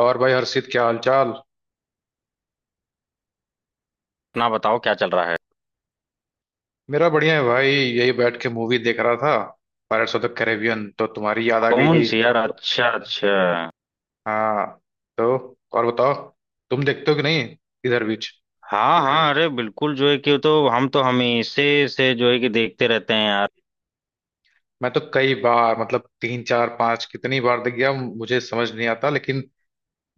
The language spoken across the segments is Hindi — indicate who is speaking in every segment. Speaker 1: और भाई हर्षित, क्या हाल चाल।
Speaker 2: अपना बताओ, क्या चल रहा है।
Speaker 1: मेरा बढ़िया है भाई, यही बैठ के मूवी देख रहा था पायरेट्स ऑफ द कैरेबियन, तो तुम्हारी याद आ गई
Speaker 2: कौन
Speaker 1: कि।
Speaker 2: सी यार? अच्छा अच्छा।
Speaker 1: हाँ। तो और बताओ, तुम देखते हो कि नहीं इधर बीच।
Speaker 2: हाँ हाँ, अरे बिल्कुल, जो है कि तो हम तो हमेशा से जो है कि देखते रहते हैं यार।
Speaker 1: मैं तो कई बार, मतलब तीन चार पांच कितनी बार देख गया, मुझे समझ नहीं आता। लेकिन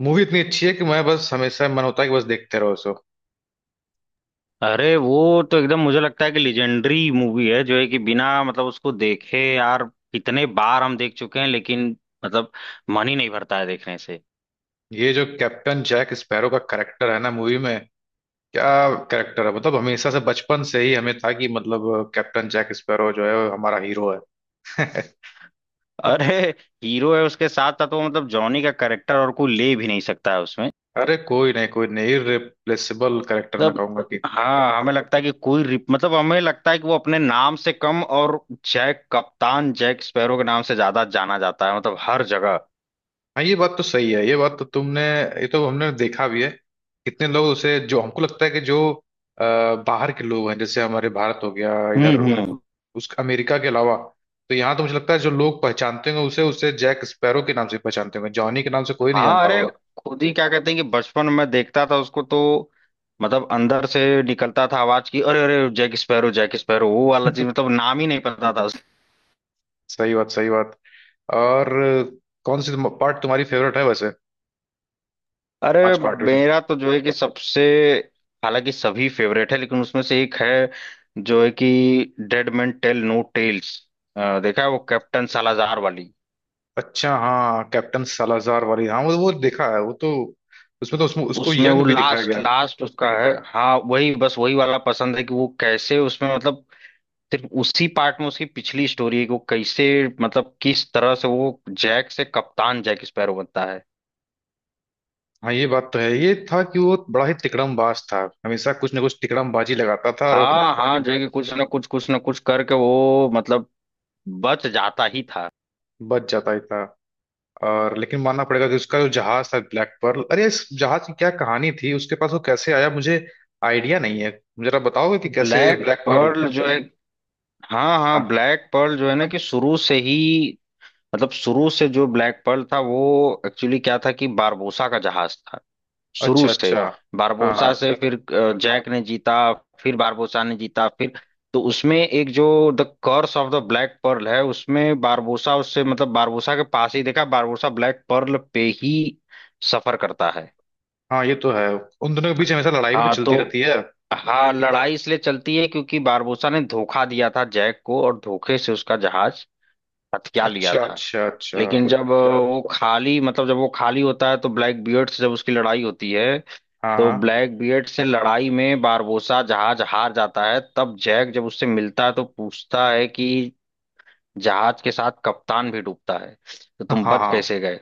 Speaker 1: मूवी इतनी अच्छी है कि मैं बस, हमेशा मन होता है कि बस देखते रहो सो।
Speaker 2: अरे वो तो एकदम मुझे लगता है कि लेजेंडरी मूवी है, जो है कि बिना मतलब उसको देखे यार कितने बार हम देख चुके हैं, लेकिन मतलब मन ही नहीं भरता है देखने से।
Speaker 1: ये जो कैप्टन जैक स्पैरो का करेक्टर है ना मूवी में, क्या करेक्टर है, मतलब हमेशा से बचपन से ही हमें था कि मतलब कैप्टन जैक स्पैरो जो है वो हमारा हीरो है।
Speaker 2: अरे हीरो है, उसके साथ था तो मतलब जॉनी का करेक्टर और कोई ले भी नहीं सकता है उसमें।
Speaker 1: अरे कोई नहीं, कोई नहीं, इररिप्लेसेबल कैरेक्टर मैं
Speaker 2: मतलब
Speaker 1: कहूंगा कि।
Speaker 2: हाँ, हमें लगता है कि कोई रिप मतलब हमें लगता है कि वो अपने नाम से कम और जैक, कप्तान जैक स्पैरो के नाम से ज्यादा जाना जाता है, मतलब हर जगह।
Speaker 1: हाँ, ये बात तो सही है। ये बात तो तुमने, ये तो हमने देखा भी है। कितने लोग उसे, जो हमको लगता है कि जो बाहर के लोग हैं, जैसे हमारे भारत हो गया इधर,
Speaker 2: हम्म।
Speaker 1: उस अमेरिका के अलावा। तो यहाँ तो मुझे लगता है जो लोग पहचानते होंगे उसे उसे जैक स्पैरो के नाम से पहचानते होंगे, जॉनी के नाम से कोई नहीं
Speaker 2: हाँ
Speaker 1: जानता
Speaker 2: अरे,
Speaker 1: होगा।
Speaker 2: खुद ही क्या कहते हैं कि बचपन में देखता था उसको तो मतलब अंदर से निकलता था आवाज की, अरे अरे जैक स्पैरो वो वाला चीज, मतलब नाम ही नहीं पता था।
Speaker 1: सही बात, सही बात। और कौन सी पार्ट तुम्हारी फेवरेट है वैसे,
Speaker 2: अरे
Speaker 1: पांच पार्ट में से।
Speaker 2: मेरा तो जो है कि सबसे, हालांकि सभी फेवरेट है लेकिन उसमें से एक है जो है कि Dead Man Tell No Tales. देखा है वो कैप्टन सालाजार वाली?
Speaker 1: अच्छा, हाँ, कैप्टन सालाजार वाली। हाँ, वो देखा है वो तो। उसमें तो उसमें उसको
Speaker 2: उसमें
Speaker 1: यंग
Speaker 2: वो
Speaker 1: भी दिखाया
Speaker 2: लास्ट
Speaker 1: गया।
Speaker 2: लास्ट उसका है। हाँ वही, बस वही वाला पसंद है कि वो कैसे उसमें मतलब सिर्फ उसी पार्ट में उसकी पिछली स्टोरी है कि वो कैसे, मतलब किस तरह से वो जैक से कप्तान जैक स्पैरो बनता है।
Speaker 1: हाँ, ये बात तो है। ये था कि वो बड़ा ही तिकड़मबाज था, हमेशा कुछ ना कुछ तिकड़मबाजी लगाता था, और
Speaker 2: हाँ हाँ, जो है कि कुछ ना कुछ करके वो मतलब बच जाता ही था।
Speaker 1: बच जाता ही था। और लेकिन मानना पड़ेगा कि उसका जो जहाज था ब्लैक पर्ल, अरे इस जहाज की क्या कहानी थी, उसके पास वो कैसे आया, मुझे आइडिया नहीं है। जरा बताओगे कि कैसे
Speaker 2: ब्लैक
Speaker 1: ब्लैक पर्ल।
Speaker 2: पर्ल जो है हाँ हाँ,
Speaker 1: हाँ।
Speaker 2: ब्लैक पर्ल जो है ना, कि शुरू से ही मतलब शुरू से जो ब्लैक पर्ल था वो एक्चुअली क्या था कि बारबोसा का जहाज था शुरू
Speaker 1: अच्छा,
Speaker 2: से।
Speaker 1: अच्छा। हाँ,
Speaker 2: बारबोसा
Speaker 1: हाँ,
Speaker 2: से फिर जैक ने जीता, फिर बारबोसा ने जीता, फिर तो उसमें एक जो The Curse of the Black Pearl है उसमें बारबोसा उससे मतलब बारबोसा के पास ही देखा, बारबोसा ब्लैक पर्ल पे ही सफर करता है।
Speaker 1: हाँ, ये तो है। उन दोनों के बीच हमेशा लड़ाई भी तो
Speaker 2: हाँ तो
Speaker 1: चलती रहती है।
Speaker 2: हाँ, लड़ाई इसलिए चलती है क्योंकि बारबोसा ने धोखा दिया था जैक को और धोखे से उसका जहाज हथिया लिया
Speaker 1: अच्छा,
Speaker 2: था।
Speaker 1: अच्छा, अच्छा।
Speaker 2: लेकिन जब वो खाली मतलब जब वो खाली होता है तो ब्लैक बियर्ड से जब उसकी लड़ाई होती है
Speaker 1: हाँ,
Speaker 2: तो
Speaker 1: हाँ,
Speaker 2: ब्लैक बियर्ड से लड़ाई में बारबोसा जहाज हार जाता है, तब जैक जब उससे मिलता है तो पूछता है कि जहाज के साथ कप्तान भी डूबता है, तो
Speaker 1: हाँ,
Speaker 2: तुम बच
Speaker 1: हाँ,
Speaker 2: कैसे गए।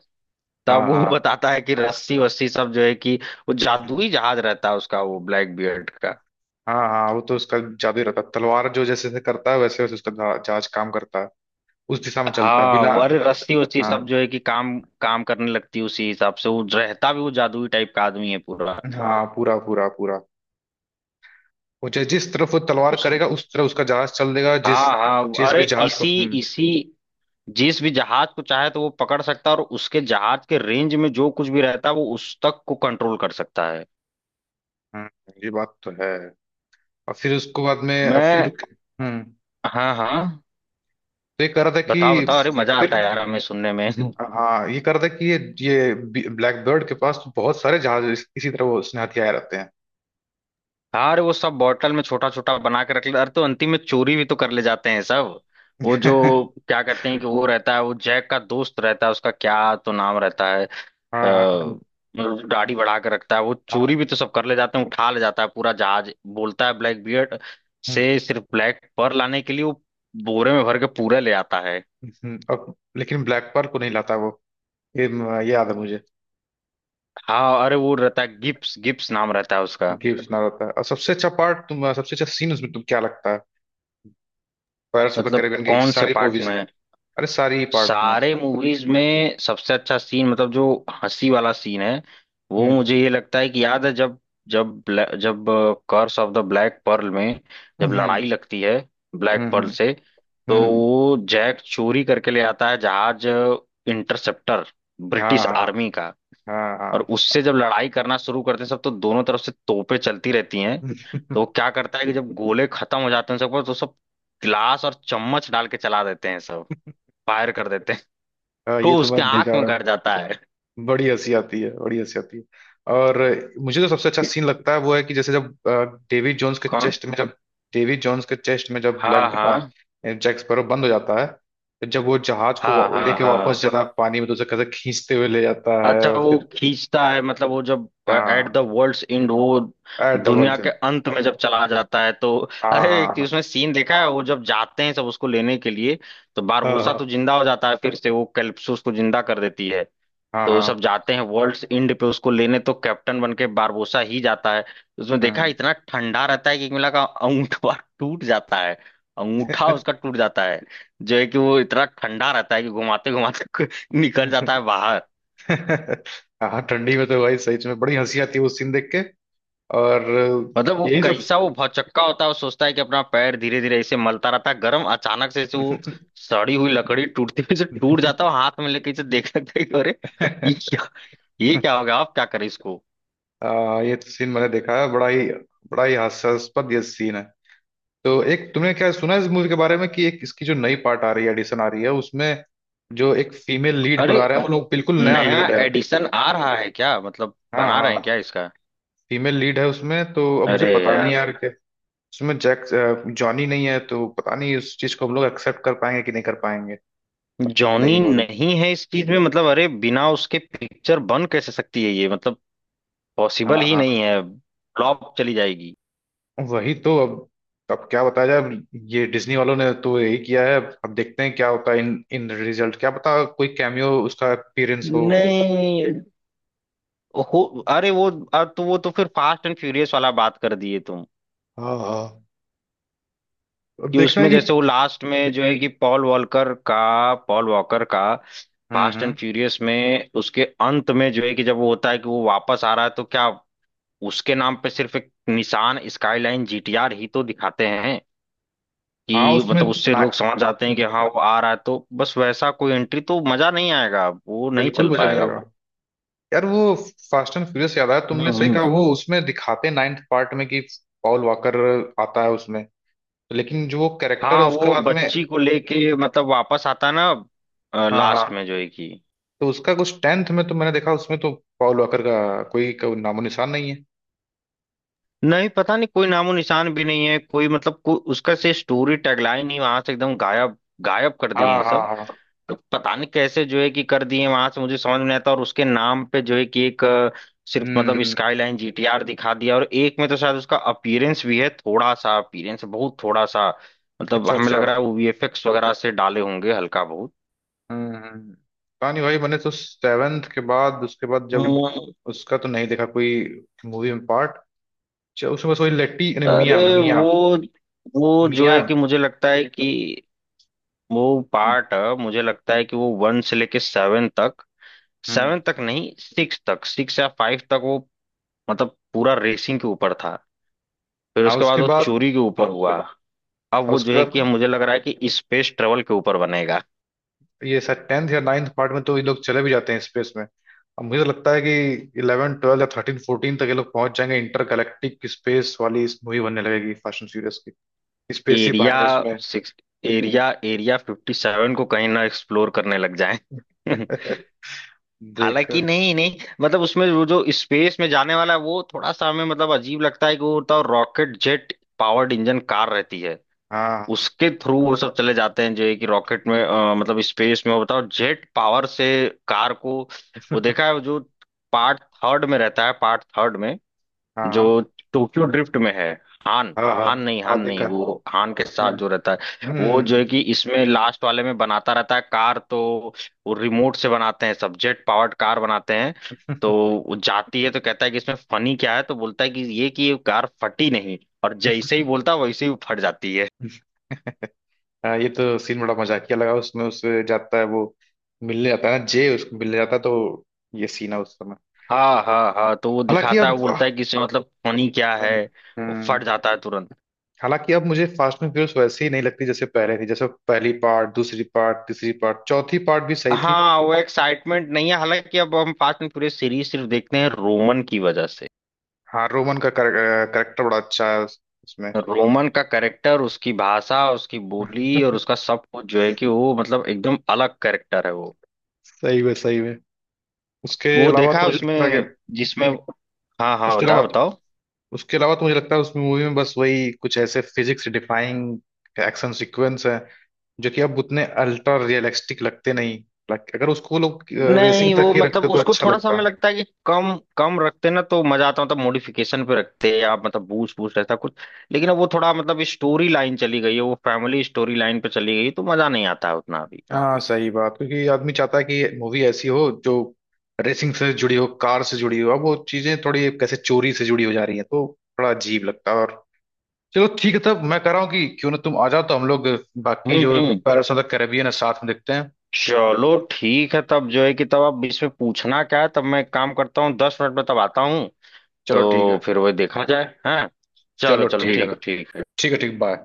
Speaker 1: हाँ,
Speaker 2: तब वो
Speaker 1: हाँ, हाँ,
Speaker 2: बताता है कि रस्सी वस्सी सब जो है कि वो जादुई जहाज रहता है उसका, वो ब्लैक बियर्ड का।
Speaker 1: हाँ, हाँ, वो तो उसका जादू ही रहता है। तलवार जो जैसे जैसे करता है वैसे वैसे उसका जहाज काम करता है, उस दिशा में चलता है
Speaker 2: हाँ
Speaker 1: बिना।
Speaker 2: वो, अरे रस्सी वस्सी
Speaker 1: हाँ,
Speaker 2: सब जो है कि काम काम करने लगती है उसी हिसाब से, वो रहता भी वो जादुई टाइप का आदमी है पूरा।
Speaker 1: हाँ, पूरा पूरा पूरा। वो जिस तरफ वो तलवार करेगा उस तरफ उसका जहाज चल देगा, जिस
Speaker 2: हाँ हाँ,
Speaker 1: जिस
Speaker 2: अरे
Speaker 1: भी जहाज
Speaker 2: इसी
Speaker 1: को। हम्म।
Speaker 2: इसी जिस भी जहाज को चाहे तो वो पकड़ सकता है, और उसके जहाज के रेंज में जो कुछ भी रहता है वो उस तक को कंट्रोल कर सकता है।
Speaker 1: हम्म, ये बात तो है। और फिर उसको बाद में
Speaker 2: मैं
Speaker 1: फिर। हम्म।
Speaker 2: हाँ हाँ,
Speaker 1: तो ये कह रहा था कि
Speaker 2: बताओ बताओ, अरे मजा
Speaker 1: फिर,
Speaker 2: आता है यार हमें सुनने में।
Speaker 1: हाँ ये कह रहा था कि ये ब्लैक बर्ड के पास तो बहुत सारे जहाज इसी तरह वो उसने हथियाए रहते हैं।
Speaker 2: हाँ अरे, वो सब बॉटल में छोटा छोटा बना के रख ले, अरे तो अंतिम में चोरी भी तो कर ले जाते हैं सब। वो जो क्या कहते हैं कि वो रहता है, वो जैक का दोस्त रहता है, उसका क्या तो नाम रहता है। अ,
Speaker 1: हाँ, हाँ,
Speaker 2: मतलब दाढ़ी बढ़ा के रखता है वो,
Speaker 1: हाँ,
Speaker 2: चोरी भी तो सब कर ले जाते हैं, उठा ले जाता है पूरा जहाज। बोलता है ब्लैक बियर्ड
Speaker 1: हम्म।
Speaker 2: से, सिर्फ ब्लैक पर लाने के लिए वो बोरे में भर के पूरा ले आता है।
Speaker 1: और लेकिन ब्लैक पर्ल को नहीं लाता वो। ये याद है मुझे,
Speaker 2: हाँ अरे, वो रहता है गिप्स, गिप्स नाम रहता है उसका।
Speaker 1: कि सुना रहता है। और सबसे अच्छा पार्ट तुम, सबसे अच्छा सीन उसमें तुम क्या लगता है, पायरेट्स ऑफ द
Speaker 2: मतलब
Speaker 1: कैरिबियन की
Speaker 2: कौन से
Speaker 1: सारी
Speaker 2: पार्ट
Speaker 1: मूवीज।
Speaker 2: में,
Speaker 1: अरे सारी ही पार्ट में।
Speaker 2: सारे मूवीज में सबसे अच्छा सीन, मतलब जो हंसी वाला सीन है वो
Speaker 1: हम्म,
Speaker 2: मुझे ये लगता है कि याद है, जब जब जब Curse of the Black Pearl में जब
Speaker 1: हम्म,
Speaker 2: लड़ाई
Speaker 1: हम्म,
Speaker 2: लगती है ब्लैक
Speaker 1: हम्म,
Speaker 2: पर्ल से, तो
Speaker 1: हम्म,
Speaker 2: वो जैक चोरी करके ले आता है जहाज, इंटरसेप्टर,
Speaker 1: हाँ,
Speaker 2: ब्रिटिश
Speaker 1: हाँ,
Speaker 2: आर्मी का।
Speaker 1: हाँ,
Speaker 2: और
Speaker 1: हाँ।
Speaker 2: उससे जब लड़ाई करना शुरू करते हैं सब, तो दोनों तरफ से तोपें चलती रहती हैं। तो वो क्या करता है कि जब गोले खत्म हो जाते हैं सबको तो सब गिलास और चम्मच डाल के चला देते हैं सब, फायर कर देते हैं,
Speaker 1: हाँ, ये
Speaker 2: को
Speaker 1: तो
Speaker 2: उसके
Speaker 1: मैंने
Speaker 2: आंख
Speaker 1: देखा।
Speaker 2: में गड़ जाता है।
Speaker 1: बड़ी हंसी आती है, बड़ी हंसी आती है। और मुझे जो सबसे अच्छा सीन लगता है वो है कि जैसे जब डेविड जोन्स के
Speaker 2: कौन?
Speaker 1: चेस्ट में जब, डेविड जोन्स के चेस्ट में जब
Speaker 2: हाँ
Speaker 1: ब्लैक
Speaker 2: हाँ।
Speaker 1: जैक स्पैरो बंद हो जाता है, तो जब वो जहाज को
Speaker 2: हाँ हाँ
Speaker 1: लेके
Speaker 2: हाँ।
Speaker 1: वापस जाता है पानी में, तो उसे कैसे खींचते हुए ले जाता है,
Speaker 2: अच्छा,
Speaker 1: और
Speaker 2: वो
Speaker 1: फिर।
Speaker 2: खींचता है मतलब वो जब एट द
Speaker 1: हाँ,
Speaker 2: वर्ल्ड्स एंड, वो
Speaker 1: एट द
Speaker 2: दुनिया
Speaker 1: वर्ल्ड।
Speaker 2: के अंत में जब चला जाता है तो अरे एक
Speaker 1: हाँ,
Speaker 2: उसमें सीन देखा है, वो जब जाते हैं सब उसको लेने के लिए तो
Speaker 1: हाँ,
Speaker 2: बारबोसा तो
Speaker 1: हाँ,
Speaker 2: जिंदा हो जाता है फिर से, वो कैलिप्सो उसको जिंदा कर देती है।
Speaker 1: हाँ,
Speaker 2: तो
Speaker 1: हाँ,
Speaker 2: वो सब
Speaker 1: हाँ,
Speaker 2: जाते हैं वर्ल्ड्स एंड पे उसको लेने तो कैप्टन बन के बारबोसा ही जाता है। उसमें देखा
Speaker 1: हम्म।
Speaker 2: इतना ठंडा रहता है कि मिला का अंगूठा बार टूट जाता है, अंगूठा उसका टूट जाता है, जो है कि वो इतना ठंडा रहता है कि घुमाते घुमाते निकल जाता है बाहर।
Speaker 1: हाँ, ठंडी में तो भाई सही में बड़ी हंसी आती है वो सीन देख के। और
Speaker 2: मतलब वो
Speaker 1: यही सब।
Speaker 2: कैसा, वो भौचक्का होता है, वो सोचता है कि अपना पैर धीरे धीरे ऐसे मलता रहता है गर्म, अचानक से ऐसे वो सड़ी हुई लकड़ी टूटती हुई से टूट जाता है, वो हाथ में लेके इसे देख सकता है कि अरे ये क्या, ये क्या हो गया, आप क्या करें इसको।
Speaker 1: ये सीन मैंने देखा है, बड़ा ही हास्यास्पद ये सीन है। तो एक तुमने क्या सुना है इस मूवी के बारे में कि एक इसकी जो नई पार्ट आ रही है, एडिशन आ रही है, उसमें जो एक फीमेल लीड को
Speaker 2: अरे
Speaker 1: ला रहा है वो लोग, बिल्कुल नया
Speaker 2: नया
Speaker 1: लीड है।
Speaker 2: एडिशन आ रहा है क्या, मतलब
Speaker 1: हाँ,
Speaker 2: बना रहे
Speaker 1: हाँ,
Speaker 2: हैं क्या इसका?
Speaker 1: फीमेल लीड है उसमें। तो अब मुझे
Speaker 2: अरे
Speaker 1: पता नहीं
Speaker 2: यार,
Speaker 1: यार कि उसमें जैक जॉनी नहीं है, तो पता नहीं उस चीज को हम लोग एक्सेप्ट कर पाएंगे कि नहीं कर पाएंगे।
Speaker 2: जॉनी
Speaker 1: नई मूवी।
Speaker 2: नहीं है इस चीज में मतलब अरे बिना उसके पिक्चर बन कैसे सकती है ये, मतलब पॉसिबल
Speaker 1: हाँ,
Speaker 2: ही
Speaker 1: हाँ,
Speaker 2: नहीं है। फ्लॉप चली जाएगी।
Speaker 1: वही तो अब क्या बताया जाए अब। ये डिज्नी वालों ने तो यही किया है। अब देखते हैं क्या होता है, इन इन रिजल्ट। क्या पता कोई कैमियो उसका अपीयरेंस हो।
Speaker 2: नहीं हो। अरे वो, अब तो वो तो फिर फास्ट एंड फ्यूरियस वाला बात कर दिए तुम
Speaker 1: हाँ, हाँ, अब
Speaker 2: कि
Speaker 1: देखना
Speaker 2: उसमें
Speaker 1: है
Speaker 2: जैसे
Speaker 1: कि।
Speaker 2: वो लास्ट में जो है कि पॉल वॉलकर का, पॉल वॉकर का
Speaker 1: हम्म,
Speaker 2: फास्ट एंड
Speaker 1: हम्म।
Speaker 2: फ्यूरियस में उसके अंत में जो है कि जब वो होता है कि वो वापस आ रहा है तो क्या, उसके नाम पे सिर्फ एक निसान स्काईलाइन जीटीआर ही तो दिखाते हैं
Speaker 1: हाँ,
Speaker 2: कि
Speaker 1: उसमें,
Speaker 2: मतलब उससे
Speaker 1: ना,
Speaker 2: लोग समझ जाते हैं कि हाँ वो आ रहा है, तो बस वैसा कोई एंट्री तो मजा नहीं आएगा, वो नहीं
Speaker 1: बिल्कुल
Speaker 2: चल
Speaker 1: मजा नहीं
Speaker 2: पाएगा
Speaker 1: आएगा।
Speaker 2: वो।
Speaker 1: यार वो फास्ट एंड फ्यूरियस याद आया,
Speaker 2: हम्म
Speaker 1: तुमने सही कहा।
Speaker 2: हम्म।
Speaker 1: वो उसमें दिखाते नाइन्थ पार्ट में कि पॉल वॉकर आता है उसमें, लेकिन जो वो कैरेक्टर है
Speaker 2: हाँ
Speaker 1: उसका
Speaker 2: वो
Speaker 1: बाद में।
Speaker 2: बच्ची को लेके मतलब वापस आता है ना
Speaker 1: हाँ,
Speaker 2: लास्ट
Speaker 1: हाँ,
Speaker 2: में जो है कि
Speaker 1: तो उसका कुछ 10th में तो मैंने देखा, उसमें तो पॉल वॉकर का कोई, कोई नामो निशान नहीं है।
Speaker 2: नहीं, पता नहीं कोई नामो निशान भी नहीं है, कोई मतलब कोई उसका से स्टोरी टैगलाइन ही वहां से एकदम गायब, गायब कर
Speaker 1: हाँ,
Speaker 2: दिए हैं सब।
Speaker 1: हाँ, हाँ,
Speaker 2: तो पता नहीं कैसे जो है कि कर दिए वहां से, मुझे समझ में नहीं आता, और उसके नाम पे जो है कि एक सिर्फ
Speaker 1: हम्म,
Speaker 2: मतलब स्काईलाइन जीटीआर दिखा दिया, और एक में तो शायद उसका अपीयरेंस भी है, थोड़ा सा अपीयरेंस, बहुत थोड़ा सा। मतलब
Speaker 1: अच्छा,
Speaker 2: हमें
Speaker 1: अच्छा,
Speaker 2: लग रहा है वो वीएफएक्स वगैरह से डाले होंगे हल्का बहुत।
Speaker 1: हम्म, पता नहीं भाई, मैंने तो सेवेंथ के बाद उसके बाद जब
Speaker 2: हम्म।
Speaker 1: उसका तो नहीं देखा कोई मूवी में पार्ट। उसमें बस वही लेट्टी, अरे मिया,
Speaker 2: अरे
Speaker 1: मिया,
Speaker 2: वो जो
Speaker 1: मिया।
Speaker 2: है कि मुझे लगता है कि वो पार्ट, मुझे लगता है कि वो वन से लेके सेवन तक, सेवन
Speaker 1: हम्म।
Speaker 2: तक नहीं सिक्स तक, सिक्स या फाइव तक वो मतलब पूरा रेसिंग के ऊपर था। फिर
Speaker 1: हाँ,
Speaker 2: उसके बाद
Speaker 1: उसके
Speaker 2: वो
Speaker 1: बाद।
Speaker 2: चोरी के ऊपर हुआ। अब
Speaker 1: और
Speaker 2: वो जो
Speaker 1: उसके
Speaker 2: है कि
Speaker 1: बाद,
Speaker 2: मुझे लग रहा है कि स्पेस ट्रेवल के ऊपर बनेगा।
Speaker 1: ये शायद 10th या नाइन्थ पार्ट में तो ये लोग चले भी जाते हैं स्पेस में। अब मुझे तो लगता है कि 11 12 या 13 14 तक ये लोग पहुंच जाएंगे, इंटरगैलेक्टिक स्पेस वाली इस मूवी बनने लगेगी फास्ट एंड फ्यूरियस की, स्पेसशिप
Speaker 2: एरिया
Speaker 1: आएंगे उसमें।
Speaker 2: सिक्स, एरिया एरिया 57 को कहीं ना एक्सप्लोर करने लग जाए।
Speaker 1: देख।
Speaker 2: हालांकि नहीं नहीं, मतलब उसमें वो जो स्पेस में जाने वाला है वो थोड़ा सा हमें मतलब अजीब लगता है कि वो होता है rocket jet powered engine car रहती है,
Speaker 1: हाँ,
Speaker 2: उसके थ्रू वो सब चले जाते हैं जो है कि रॉकेट में मतलब स्पेस में, वो बताओ जेट पावर से कार को। वो देखा है वो, जो पार्ट थर्ड में रहता है, पार्ट थर्ड में जो
Speaker 1: हाँ,
Speaker 2: टोक्यो ड्रिफ्ट में है, हान,
Speaker 1: हाँ, हाँ,
Speaker 2: हान नहीं, हान
Speaker 1: हाँ, देखा।
Speaker 2: नहीं, वो हान के
Speaker 1: हम्म,
Speaker 2: साथ जो रहता है, वो जो
Speaker 1: हम्म।
Speaker 2: है कि इसमें लास्ट वाले में बनाता रहता है कार, तो वो रिमोट से बनाते हैं सब, जेट पावर्ड कार बनाते हैं, तो वो जाती है तो कहता है कि इसमें फनी क्या है, तो बोलता है कि ये कार फटी नहीं, और जैसे ही बोलता है वैसे ही वो फट जाती है।
Speaker 1: हाँ, ये तो सीन बड़ा मजाकिया लगा उसमें, उससे जाता है वो, मिलने जाता है ना जे उसको मिलने जाता है, तो ये सीन है उस समय।
Speaker 2: हाँ हाँ हाँ, तो वो
Speaker 1: हालांकि
Speaker 2: दिखाता है,
Speaker 1: अब,
Speaker 2: वो बोलता है कि इसमें मतलब फनी क्या है,
Speaker 1: हम्म,
Speaker 2: वो
Speaker 1: हम्म,
Speaker 2: फट जाता है तुरंत।
Speaker 1: हालांकि अब मुझे फास्ट एंड फ्यूरियस वैसे ही नहीं लगती जैसे पहले थी। जैसे पहली पार्ट, दूसरी पार्ट, तीसरी पार्ट, चौथी पार्ट भी सही थी।
Speaker 2: हाँ वो एक्साइटमेंट नहीं है, हालांकि अब हम फास्ट एंड पूरे सीरीज सिर्फ देखते हैं रोमन की वजह से।
Speaker 1: हाँ, रोमन का करेक्टर बड़ा अच्छा है उसमें।
Speaker 2: रोमन का कैरेक्टर, उसकी भाषा, उसकी बोली और उसका सब कुछ जो है कि वो मतलब एकदम अलग कैरेक्टर है वो।
Speaker 1: सही में, सही में। उसके
Speaker 2: वो
Speaker 1: अलावा
Speaker 2: देखा
Speaker 1: तो
Speaker 2: है
Speaker 1: मुझे लगता है कि,
Speaker 2: उसमें जिसमें, हाँ हाँ
Speaker 1: उसके
Speaker 2: बताओ
Speaker 1: अलावा,
Speaker 2: बताओ।
Speaker 1: उसके अलावा तो मुझे लगता है उस मूवी में बस वही कुछ ऐसे फिजिक्स डिफाइंग एक्शन सीक्वेंस है, जो कि अब उतने अल्ट्रा रियलिस्टिक लगते नहीं। लाइक अगर उसको लोग
Speaker 2: नहीं
Speaker 1: रेसिंग तक
Speaker 2: वो
Speaker 1: ही
Speaker 2: मतलब
Speaker 1: रखते तो
Speaker 2: उसको
Speaker 1: अच्छा
Speaker 2: थोड़ा सा हमें
Speaker 1: लगता।
Speaker 2: लगता है कि कम कम रखते ना तो मजा आता, मतलब मॉडिफिकेशन पे रखते या मतलब बूस्ट बूस्ट ऐसा कुछ। लेकिन अब वो थोड़ा मतलब स्टोरी लाइन चली गई है वो फैमिली स्टोरी लाइन पे चली गई, तो मजा नहीं आता है उतना अभी।
Speaker 1: हाँ, सही बात। क्योंकि आदमी चाहता है कि मूवी ऐसी हो जो रेसिंग से जुड़ी हो, कार से जुड़ी हो। अब वो चीजें थोड़ी कैसे चोरी से जुड़ी हो जा रही है, तो बड़ा अजीब लगता है। और चलो ठीक है तब, मैं कह रहा हूँ कि क्यों ना तुम आ जाओ तो हम लोग बाकी जो
Speaker 2: हम्म।
Speaker 1: पैरस ऑफ द कैरेबियन है साथ में देखते हैं।
Speaker 2: चलो ठीक है, तब जो है कि तब आप इसमें पूछना क्या है, तब मैं एक काम करता हूँ, 10 मिनट में तब आता हूँ।
Speaker 1: चलो ठीक
Speaker 2: तो
Speaker 1: है।
Speaker 2: फिर वही देखा जाए हैं। चलो
Speaker 1: चलो
Speaker 2: चलो,
Speaker 1: ठीक है,
Speaker 2: ठीक ठीक है।
Speaker 1: ठीक है। ठीक, बाय।